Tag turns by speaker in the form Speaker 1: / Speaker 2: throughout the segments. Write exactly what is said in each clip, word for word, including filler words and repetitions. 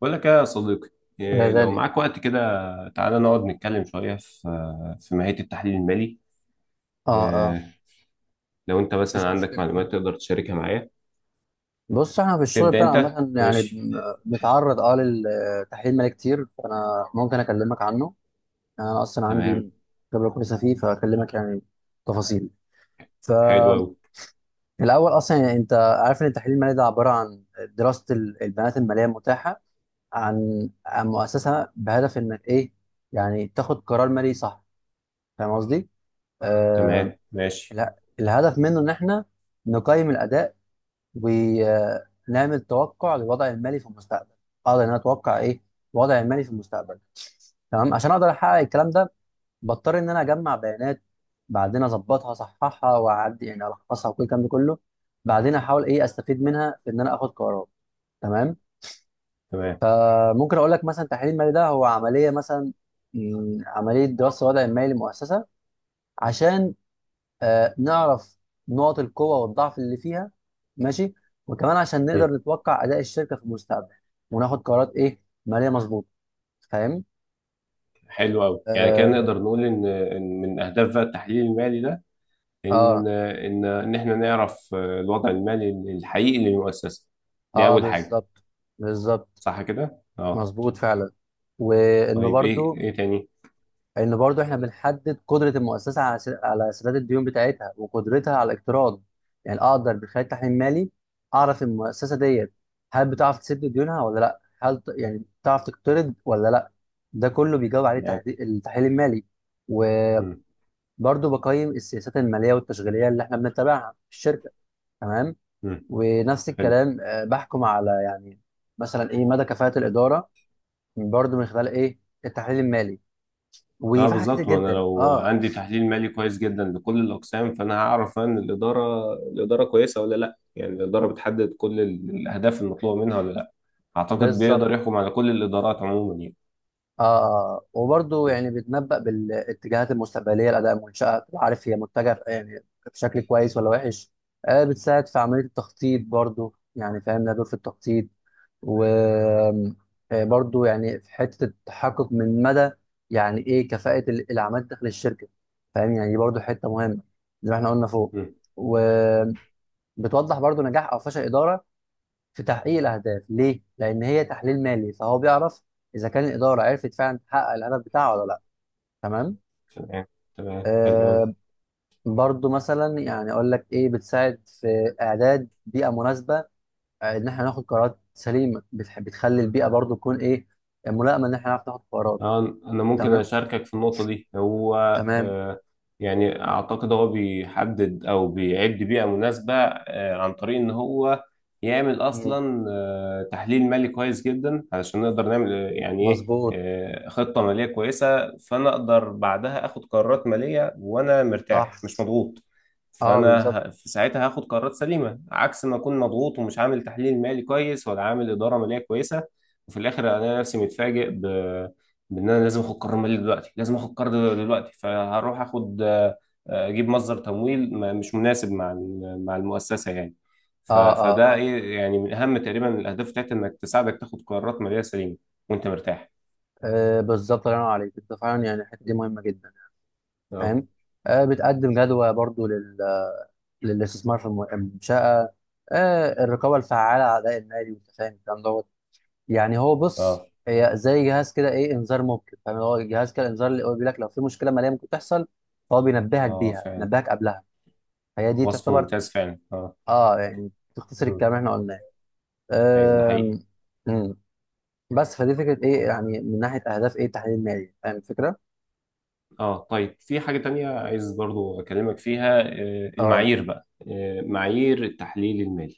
Speaker 1: بقول لك إيه يا صديقي.
Speaker 2: يا
Speaker 1: إيه، لو
Speaker 2: غالي.
Speaker 1: معاك وقت كده تعالى نقعد نتكلم شوية في في ماهية التحليل المالي.
Speaker 2: اه اه
Speaker 1: إيه، لو انت مثلا
Speaker 2: مفيش
Speaker 1: عندك
Speaker 2: مشكلة.
Speaker 1: معلومات تقدر تشاركها معايا
Speaker 2: بص، احنا في الشغل
Speaker 1: تبدأ
Speaker 2: بتاعنا
Speaker 1: انت
Speaker 2: عامة يعني
Speaker 1: ماشي.
Speaker 2: بن- بنتعرض اه للتحليل مالي كتير، فانا ممكن اكلمك عنه. يعني انا اصلا
Speaker 1: تمام.
Speaker 2: عندي خبرة كويسة فيه، فاكلمك يعني تفاصيل.
Speaker 1: حلو
Speaker 2: فالاول
Speaker 1: أوي.
Speaker 2: اصلا يعني انت عارف ان التحليل المالي ده عبارة عن دراسة ال- البيانات المالية المتاحة عن عن مؤسسة، بهدف انك ايه، يعني تاخد قرار مالي صح. فاهم قصدي؟ آه.
Speaker 1: تمام ماشي.
Speaker 2: لا، الهدف منه ان احنا نقيم الاداء ونعمل توقع للوضع المالي في المستقبل. اقدر ان انا اتوقع ايه الوضع المالي في المستقبل. تمام، عشان اقدر احقق الكلام ده، بضطر ان انا اجمع بيانات، بعدين اظبطها اصححها واعدي يعني الخصها وكل الكلام ده كله، بعدين احاول ايه استفيد منها في ان انا اخد قرارات. تمام.
Speaker 1: تمام.
Speaker 2: آه، ممكن اقول لك مثلا التحليل المالي ده هو عمليه، مثلا مم، عمليه دراسه الوضع المالي للمؤسسه، عشان آه نعرف نقط القوة والضعف اللي فيها. ماشي. وكمان عشان
Speaker 1: مم.
Speaker 2: نقدر نتوقع أداء الشركة في المستقبل وناخد قرارات إيه مالية مظبوطة. فاهم؟
Speaker 1: حلو أوي، يعني كده
Speaker 2: آه.
Speaker 1: نقدر نقول إن إن من أهداف بقى التحليل المالي ده
Speaker 2: آه
Speaker 1: إن إن إن إحنا نعرف آه، الوضع المالي الحقيقي للمؤسسة. دي
Speaker 2: آه
Speaker 1: أول حاجة.
Speaker 2: بالظبط، بالظبط.
Speaker 1: صح كده؟ أه.
Speaker 2: مظبوط فعلا. وإنه
Speaker 1: طيب إيه
Speaker 2: برضو
Speaker 1: إيه تاني؟
Speaker 2: ان برضو احنا بنحدد قدره المؤسسه على س- على سداد الديون بتاعتها وقدرتها على الاقتراض. يعني اقدر من خلال تحليل مالي اعرف المؤسسه ديت هل بتعرف تسد ديونها ولا لا، هل ت- يعني بتعرف تقترض ولا لا. ده كله بيجاوب عليه
Speaker 1: تمام.
Speaker 2: تحدي- التحليل المالي. وبرضو
Speaker 1: مم.
Speaker 2: بقيم السياسات الماليه والتشغيليه اللي احنا بنتبعها في الشركه. تمام.
Speaker 1: مم.
Speaker 2: ونفس
Speaker 1: حلو.
Speaker 2: الكلام آه، بحكم على يعني مثلا ايه مدى كفاءه الاداره، برضو من خلال ايه التحليل المالي.
Speaker 1: اه
Speaker 2: وفي حاجات كتير
Speaker 1: بالظبط، ما انا
Speaker 2: جدا.
Speaker 1: لو
Speaker 2: اه
Speaker 1: عندي تحليل مالي كويس جدا لكل الاقسام فانا هعرف ان الاداره الاداره كويسه ولا لا. يعني الاداره بتحدد كل ال- الاهداف المطلوبه منها ولا لا. اعتقد
Speaker 2: بالظبط.
Speaker 1: بيقدر يحكم على كل الادارات عموما يعني.
Speaker 2: آه، وبرضه
Speaker 1: م-
Speaker 2: يعني بيتنبأ بالاتجاهات المستقبلية لأداء منشأة، تبقى عارف هي متجهة يعني بشكل كويس ولا وحش. آه، بتساعد في عملية التخطيط برضه، يعني فاهم لها دور في التخطيط. وبرضه يعني في حتة التحقق من مدى يعني إيه كفاءة ال- الأعمال داخل الشركة. فاهم؟ يعني دي برضه حتة مهمة، زي ما إحنا قلنا فوق.
Speaker 1: م.
Speaker 2: وبتوضح برضه نجاح أو فشل إدارة في تحقيق الاهداف. ليه؟ لان هي تحليل مالي، فهو بيعرف اذا كان الاداره عرفت فعلا تحقق الهدف بتاعه ولا لا. تمام.
Speaker 1: تمام. تمام. حلو قوي.
Speaker 2: آه، برضو مثلا يعني اقول لك ايه، بتساعد في اعداد بيئه مناسبه. آه، ان احنا ناخد قرارات سليمه، بتح- بتخلي البيئه برضو تكون ايه ملائمه، ان احنا نعرف ناخد قرارات.
Speaker 1: آه، أنا ممكن
Speaker 2: تمام.
Speaker 1: أشاركك في النقطة دي هو.
Speaker 2: تمام.
Speaker 1: آه، يعني أعتقد هو بيحدد أو بيعد بيئة مناسبة آه، عن طريق إن هو يعمل
Speaker 2: مم.
Speaker 1: أصلا آه، تحليل مالي كويس جدا علشان نقدر نعمل آه، يعني إيه
Speaker 2: مظبوط.
Speaker 1: آه، خطة مالية كويسة، فأنا أقدر بعدها آخد قرارات مالية وأنا مرتاح
Speaker 2: صح.
Speaker 1: مش مضغوط.
Speaker 2: اه بالظبط.
Speaker 1: فأنا ه- في ساعتها هاخد قرارات سليمة عكس ما أكون مضغوط ومش عامل تحليل مالي كويس ولا عامل إدارة مالية كويسة. وفي الآخر ألاقي نفسي متفاجئ ب بان انا لازم اخد قرار مالي دلوقتي، لازم اخد قرار دلوقتي فهروح اخد آه، آه، اجيب مصدر تمويل ما- مش مناسب مع ال- مع المؤسسه يعني.
Speaker 2: اه
Speaker 1: ف-
Speaker 2: اه
Speaker 1: فده
Speaker 2: اه,
Speaker 1: ايه يعني، من اهم تقريبا الاهداف بتاعتها انك تساعدك تاخد قرارات ماليه سليمه وانت مرتاح.
Speaker 2: آه بالظبط. الله ينور عليك، انت فعلا يعني الحته دي مهمه جدا.
Speaker 1: اه
Speaker 2: فاهم. آه، بتقدم جدوى برضو للاستثمار في الم- المنشأة. آه، الرقابة الفعالة على أداء النادي، وأنت فاهم الكلام دوت. يعني هو بص
Speaker 1: اه
Speaker 2: هي زي جهاز كده، إيه، إنذار مبكر. فاهم؟ هو جهاز كده إنذار، اللي هو بيقول لك لو في مشكلة مالية ممكن تحصل، فهو بينبهك
Speaker 1: اه،
Speaker 2: بيها،
Speaker 1: فعلا.
Speaker 2: بينبهك قبلها. فهي دي
Speaker 1: وصف
Speaker 2: تعتبر
Speaker 1: ممتاز فعلا، اه.
Speaker 2: أه يعني تختصر
Speaker 1: مم.
Speaker 2: الكلام اللي إحنا قلناه.
Speaker 1: ايوه ده حقيقي.
Speaker 2: آم، مم. بس فدي فكرة إيه يعني من ناحية أهداف إيه التحليل المالي. فاهم الفكرة؟
Speaker 1: اه طيب في حاجه تانية عايز برضو اكلمك فيها، آه،
Speaker 2: أه.
Speaker 1: المعايير بقى، آه، معايير التحليل المالي.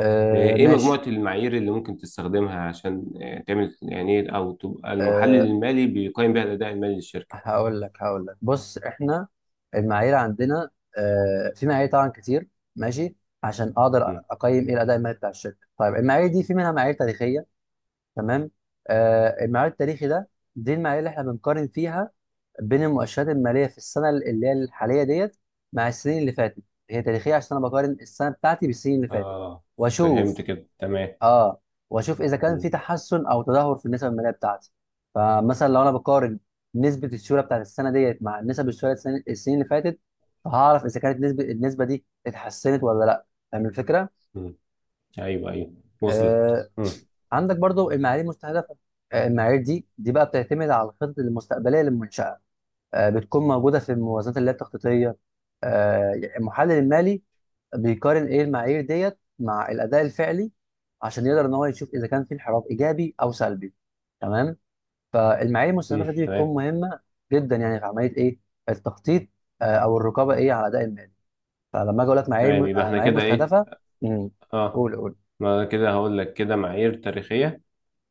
Speaker 2: آه،
Speaker 1: ايه مجموعة
Speaker 2: ماشي.
Speaker 1: المعايير اللي ممكن تستخدمها عشان آه، تعمل يعني ايه، او تبقى المحلل
Speaker 2: آه،
Speaker 1: المالي بيقيم بيها الاداء المالي للشركة.
Speaker 2: هقول لك، هقول لك، بص احنا المعايير عندنا، آه، في معايير طبعا كتير. ماشي. عشان اقدر
Speaker 1: مم.
Speaker 2: اقيم ايه الاداء المالي بتاع الشركه. طيب، المعايير دي في منها معايير تاريخيه. تمام. آه، المعايير التاريخي ده دي المعايير اللي احنا بنقارن فيها بين المؤشرات الماليه في السنه اللي هي الحاليه ديت مع السنين اللي فاتت. هي تاريخيه عشان انا بقارن السنه بتاعتي بالسنين اللي فاتت
Speaker 1: اه فهمت
Speaker 2: واشوف.
Speaker 1: كده تمام.
Speaker 2: اه. واشوف اذا كان في
Speaker 1: مم.
Speaker 2: تحسن او تدهور في النسب الماليه بتاعتي. فمثلا لو انا بقارن نسبه السيوله بتاعت السنه ديت مع نسب السيوله السن- السنين اللي فاتت، فهعرف اذا كانت نسبه النسبه دي اتحسنت ولا لا. فاهم الفكره.
Speaker 1: مم. ايوه ايوه، وصلت.
Speaker 2: آه،
Speaker 1: مم.
Speaker 2: عندك برضو المعايير المستهدفه. آه، المعايير دي دي بقى بتعتمد على الخطط المستقبليه للمنشاه. آه، بتكون موجوده في الموازنات اللي هي التخطيطيه. آه، يعني المحلل المالي بيقارن ايه المعايير ديت مع الاداء الفعلي، عشان يقدر ان هو يشوف اذا كان في انحراف ايجابي او سلبي. تمام. فالمعايير
Speaker 1: مم.
Speaker 2: المستهدفه دي
Speaker 1: تمام.
Speaker 2: بتكون مهمه جدا يعني في عمليه ايه التخطيط، آه، او الرقابه ايه على الاداء المالي. فلما اجي اقول لك معايير
Speaker 1: تمام
Speaker 2: م-
Speaker 1: يبقى
Speaker 2: آه،
Speaker 1: احنا
Speaker 2: معايير
Speaker 1: كده ايه.
Speaker 2: مستهدفه. امم.
Speaker 1: اه،
Speaker 2: قول قول.
Speaker 1: ما أنا كده هقول لك كده معايير تاريخية،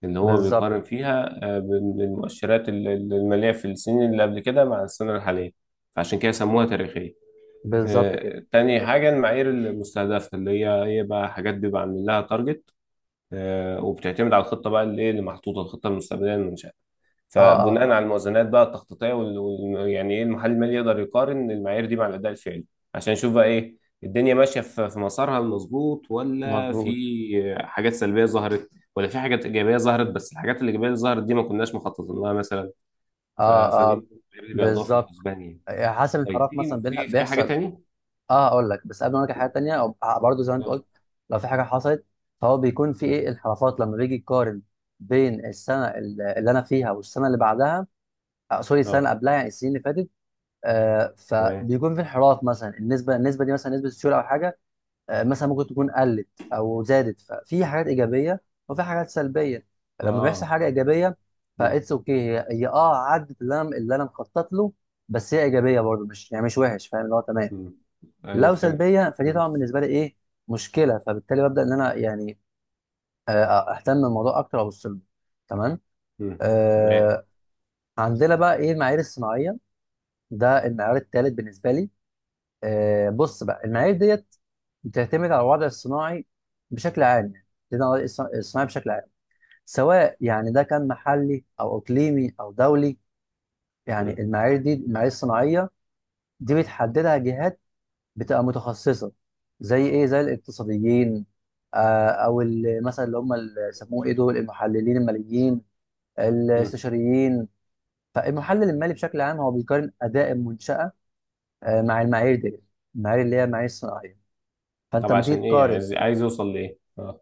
Speaker 1: اللي هو
Speaker 2: بالظبط،
Speaker 1: بيقارن فيها آه، بال- بالمؤشرات ال- ال- المالية في السنين اللي قبل كده مع السنة الحالية، فعشان كده سموها تاريخية.
Speaker 2: بالظبط كده.
Speaker 1: آه، تاني حاجة المعايير المستهدفة، اللي هي هي بقى حاجات بيبقى عاملين لها تارجت، وبتعتمد على الخطة بقى اللي إيه اللي محطوطة، الخطة المستقبلية للمنشأة.
Speaker 2: اه
Speaker 1: فبناء
Speaker 2: اه آه،
Speaker 1: على الموازنات بقى التخطيطية وال... وال- يعني إيه المحلل المالي يقدر يقارن المعايير دي مع الأداء الفعلي، عشان يشوف بقى إيه الدنيا ماشية في في مسارها المظبوط، ولا
Speaker 2: مظبوط.
Speaker 1: في حاجات سلبية ظهرت، ولا في حاجات إيجابية ظهرت بس الحاجات الإيجابية اللي ظهرت دي ما كناش مخططين لها مثلا. ف...
Speaker 2: اه.
Speaker 1: فدي
Speaker 2: اه
Speaker 1: المعايير اللي بياخدوها في
Speaker 2: بالظبط.
Speaker 1: الحسبان يعني.
Speaker 2: آه، حسب
Speaker 1: طيب
Speaker 2: الانحراف
Speaker 1: في
Speaker 2: مثلا بيلح-
Speaker 1: في في حاجة
Speaker 2: بيحصل.
Speaker 1: تاني؟
Speaker 2: اه، اقول لك بس قبل ما اقول لك حاجه تانيه أو- برضه زي ما انت
Speaker 1: اه
Speaker 2: قلت، لو في حاجه حصلت، فهو بيكون في ايه انحرافات لما بيجي يقارن بين السنه ال- اللي انا فيها والسنه اللي بعدها. آه، سوري، السنه اللي
Speaker 1: اه،
Speaker 2: قبلها يعني السنين اللي فاتت. آه،
Speaker 1: تمام
Speaker 2: فبيكون في انحراف، مثلا النسبه النسبه دي مثلا نسبه السيوله او حاجه، آه، مثلا ممكن تكون قلت او زادت. ففي حاجات ايجابيه وفي حاجات سلبيه. لما بيحصل
Speaker 1: اه.
Speaker 2: حاجه ايجابيه،
Speaker 1: مم.
Speaker 2: فاتس اوكي، هي هي اه عدت اللي انا، اللي انا مخطط له. بس هي ايجابيه برضه، مش يعني مش وحش، فاهم اللي هو تمام.
Speaker 1: مم. ايوه
Speaker 2: لو
Speaker 1: فهمتك.
Speaker 2: سلبيه، فدي
Speaker 1: مم.
Speaker 2: طبعا بالنسبه لي ايه مشكله، فبالتالي ببدا ان انا يعني آه، اهتم بالموضوع اكتر وابص له. تمام.
Speaker 1: مم. تمام.
Speaker 2: آه. عندنا بقى ايه المعايير الصناعيه. ده المعيار الثالث بالنسبه لي. آه، بص بقى المعايير ديت بتعتمد على الوضع الصناعي بشكل عام، يعني بتعتمد على الوضع الص- الصناعي بشكل عام، سواء يعني ده كان محلي او اقليمي او دولي. يعني
Speaker 1: مم.
Speaker 2: المعايير دي، المعايير الصناعيه، دي بتحددها جهات بتبقى متخصصه، زي ايه، زي الاقتصاديين، آه، او ال- مثلا اللي هم اللي سموه ايه دول المحللين الماليين
Speaker 1: مم.
Speaker 2: الاستشاريين. فالمحلل المالي بشكل عام هو بيقارن اداء المنشاه، آه، مع المعايير دي، المعايير اللي هي المعايير الصناعيه. فانت
Speaker 1: طب
Speaker 2: لما تيجي
Speaker 1: عشان ايه يعني،
Speaker 2: تقارن،
Speaker 1: عايز عايز اوصل لايه اه.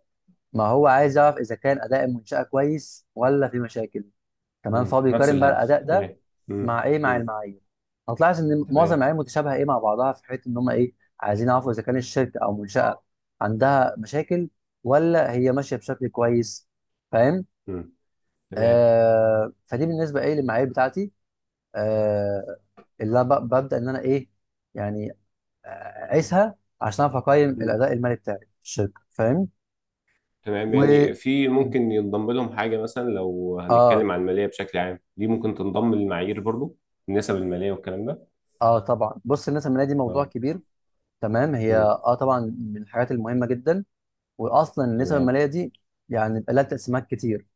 Speaker 2: ما هو عايز يعرف اذا كان اداء المنشاه كويس ولا في مشاكل. تمام،
Speaker 1: مم.
Speaker 2: فهو
Speaker 1: نفس
Speaker 2: بيقارن بقى
Speaker 1: الهدف،
Speaker 2: الاداء ده
Speaker 1: تمام. مم.
Speaker 2: مع ايه، مع
Speaker 1: مم.
Speaker 2: المعايير. هتلاحظ ان معظم
Speaker 1: تمام.
Speaker 2: المعايير متشابهه ايه مع بعضها في حته ان هم ايه عايزين يعرفوا اذا كان الشركه او منشاه عندها مشاكل ولا هي ماشيه بشكل كويس. فاهم.
Speaker 1: مم. تمام.
Speaker 2: آه، فدي بالنسبه ايه للمعايير بتاعتي، آه، اللي أنا ب- ببدا ان انا ايه يعني، آه، اقيسها عشان اعرف اقيم
Speaker 1: مم.
Speaker 2: الاداء المالي بتاعي في الشركه. فاهم.
Speaker 1: تمام
Speaker 2: و،
Speaker 1: يعني في ممكن ينضم لهم حاجة مثلا، لو
Speaker 2: اه.
Speaker 1: هنتكلم عن المالية بشكل عام دي ممكن تنضم للمعايير برضو، النسب المالية والكلام ده.
Speaker 2: اه طبعا، بص، الناس الماليه دي موضوع
Speaker 1: اه.
Speaker 2: كبير. تمام. هي
Speaker 1: مم.
Speaker 2: اه طبعا من الحاجات المهمه جدا. واصلا النسب
Speaker 1: تمام.
Speaker 2: الماليه دي يعني بيبقى لها تقسيمات كتير.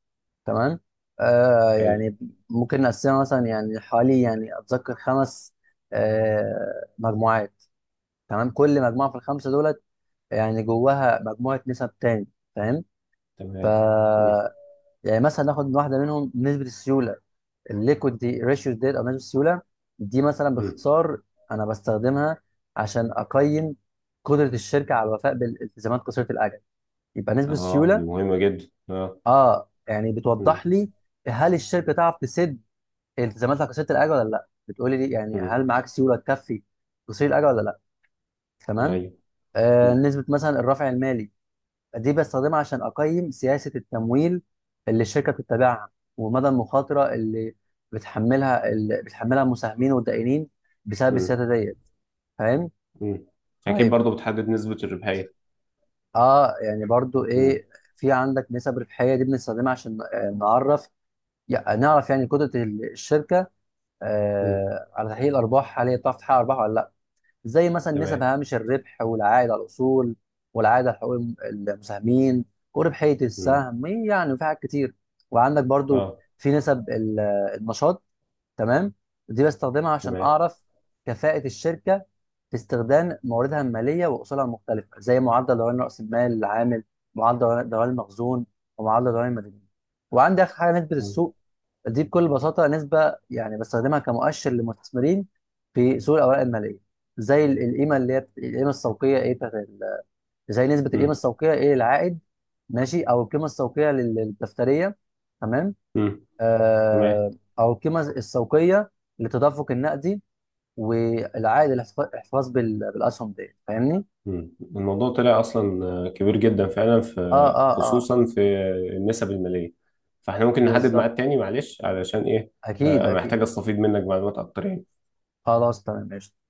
Speaker 2: تمام. آه،
Speaker 1: حلو.
Speaker 2: يعني ممكن نقسمها مثلا يعني حوالي يعني اتذكر خمس، آه، مجموعات. تمام. كل مجموعه في الخمسه دولت يعني جواها مجموعه نسب تاني. فاهم. ف،
Speaker 1: تمام. مم.
Speaker 2: يعني مثلا ناخد من واحده منهم نسبه السيوله. الليكويد دي ريشيو ديت او نسبه السيوله، دي مثلا
Speaker 1: مم.
Speaker 2: باختصار انا بستخدمها عشان اقيم قدره الشركه على الوفاء بالالتزامات قصيره الاجل. يبقى نسبه
Speaker 1: اه
Speaker 2: السيوله.
Speaker 1: دي مهمة جدا اه.
Speaker 2: اه، يعني
Speaker 1: مم.
Speaker 2: بتوضح لي هل الشركه تعرف تسد التزاماتها كسيره الاجر ولا لا، بتقولي لي يعني
Speaker 1: مم.
Speaker 2: هل معاك سيوله تكفي تصير الاجر ولا لا. تمام.
Speaker 1: ايوه.
Speaker 2: آه،
Speaker 1: مم.
Speaker 2: نسبه مثلا الرفع المالي، دي بستخدمها عشان اقيم سياسه التمويل اللي الشركه بتتبعها، ومدى المخاطره اللي بتحملها اللي بتحملها المساهمين والدائنين بسبب
Speaker 1: مم.
Speaker 2: السياسه ديت. فاهم.
Speaker 1: مم. اكيد
Speaker 2: طيب.
Speaker 1: برضو بتحدد نسبة الربحية.
Speaker 2: اه يعني برضو
Speaker 1: مم.
Speaker 2: ايه، في عندك نسب ربحيه، دي بنستخدمها عشان آه، نعرف يع- نعرف يعني قدره الشركه،
Speaker 1: مم.
Speaker 2: آه، على تحليل الارباح، هل هي بتعرف تحقق ارباح ولا لا. زي مثلا
Speaker 1: تمام.
Speaker 2: نسب هامش الربح، والعائد على الاصول، والعائد على حقوق المساهمين، وربحيه
Speaker 1: مم.
Speaker 2: السهم، يعني في حاجات كتير. وعندك برضو
Speaker 1: اه.
Speaker 2: في نسب ال- النشاط. تمام. دي بستخدمها عشان
Speaker 1: تمام.
Speaker 2: اعرف كفاءه الشركه في استخدام مواردها الماليه واصولها المختلفه، زي معدل دوران راس المال العامل، معدل دوران دوران المخزون، ومعدل دوران المدني. وعندي اخر حاجه نسبه
Speaker 1: تمام.
Speaker 2: السوق. دي بكل بساطة نسبة يعني بستخدمها كمؤشر للمستثمرين في سوق الأوراق المالية، زي ال- القيمة اللي هي بت- القيمة السوقية إيه بتاعت ال- زي نسبة القيمة
Speaker 1: مم.
Speaker 2: السوقية إيه للعائد. ماشي. أو القيمة السوقية لل- للدفترية. تمام.
Speaker 1: مم. تمام.
Speaker 2: آه. أو القيمة السوقية للتدفق النقدي، والعائد الاحتفا- الاحتفاظ بال- بالأسهم دي. فاهمني؟
Speaker 1: مم. الموضوع طلع اصلا آه، كبير جدا فعلا،
Speaker 2: آه
Speaker 1: في
Speaker 2: آه آه
Speaker 1: خصوصا في النسب المالية، فاحنا ممكن نحدد
Speaker 2: بالظبط.
Speaker 1: ميعاد تاني معلش علشان ايه.
Speaker 2: أكيد،
Speaker 1: آه، محتاج
Speaker 2: أكيد.
Speaker 1: استفيد منك معلومات اكتر يعني.
Speaker 2: خلاص، تمام، ماشي.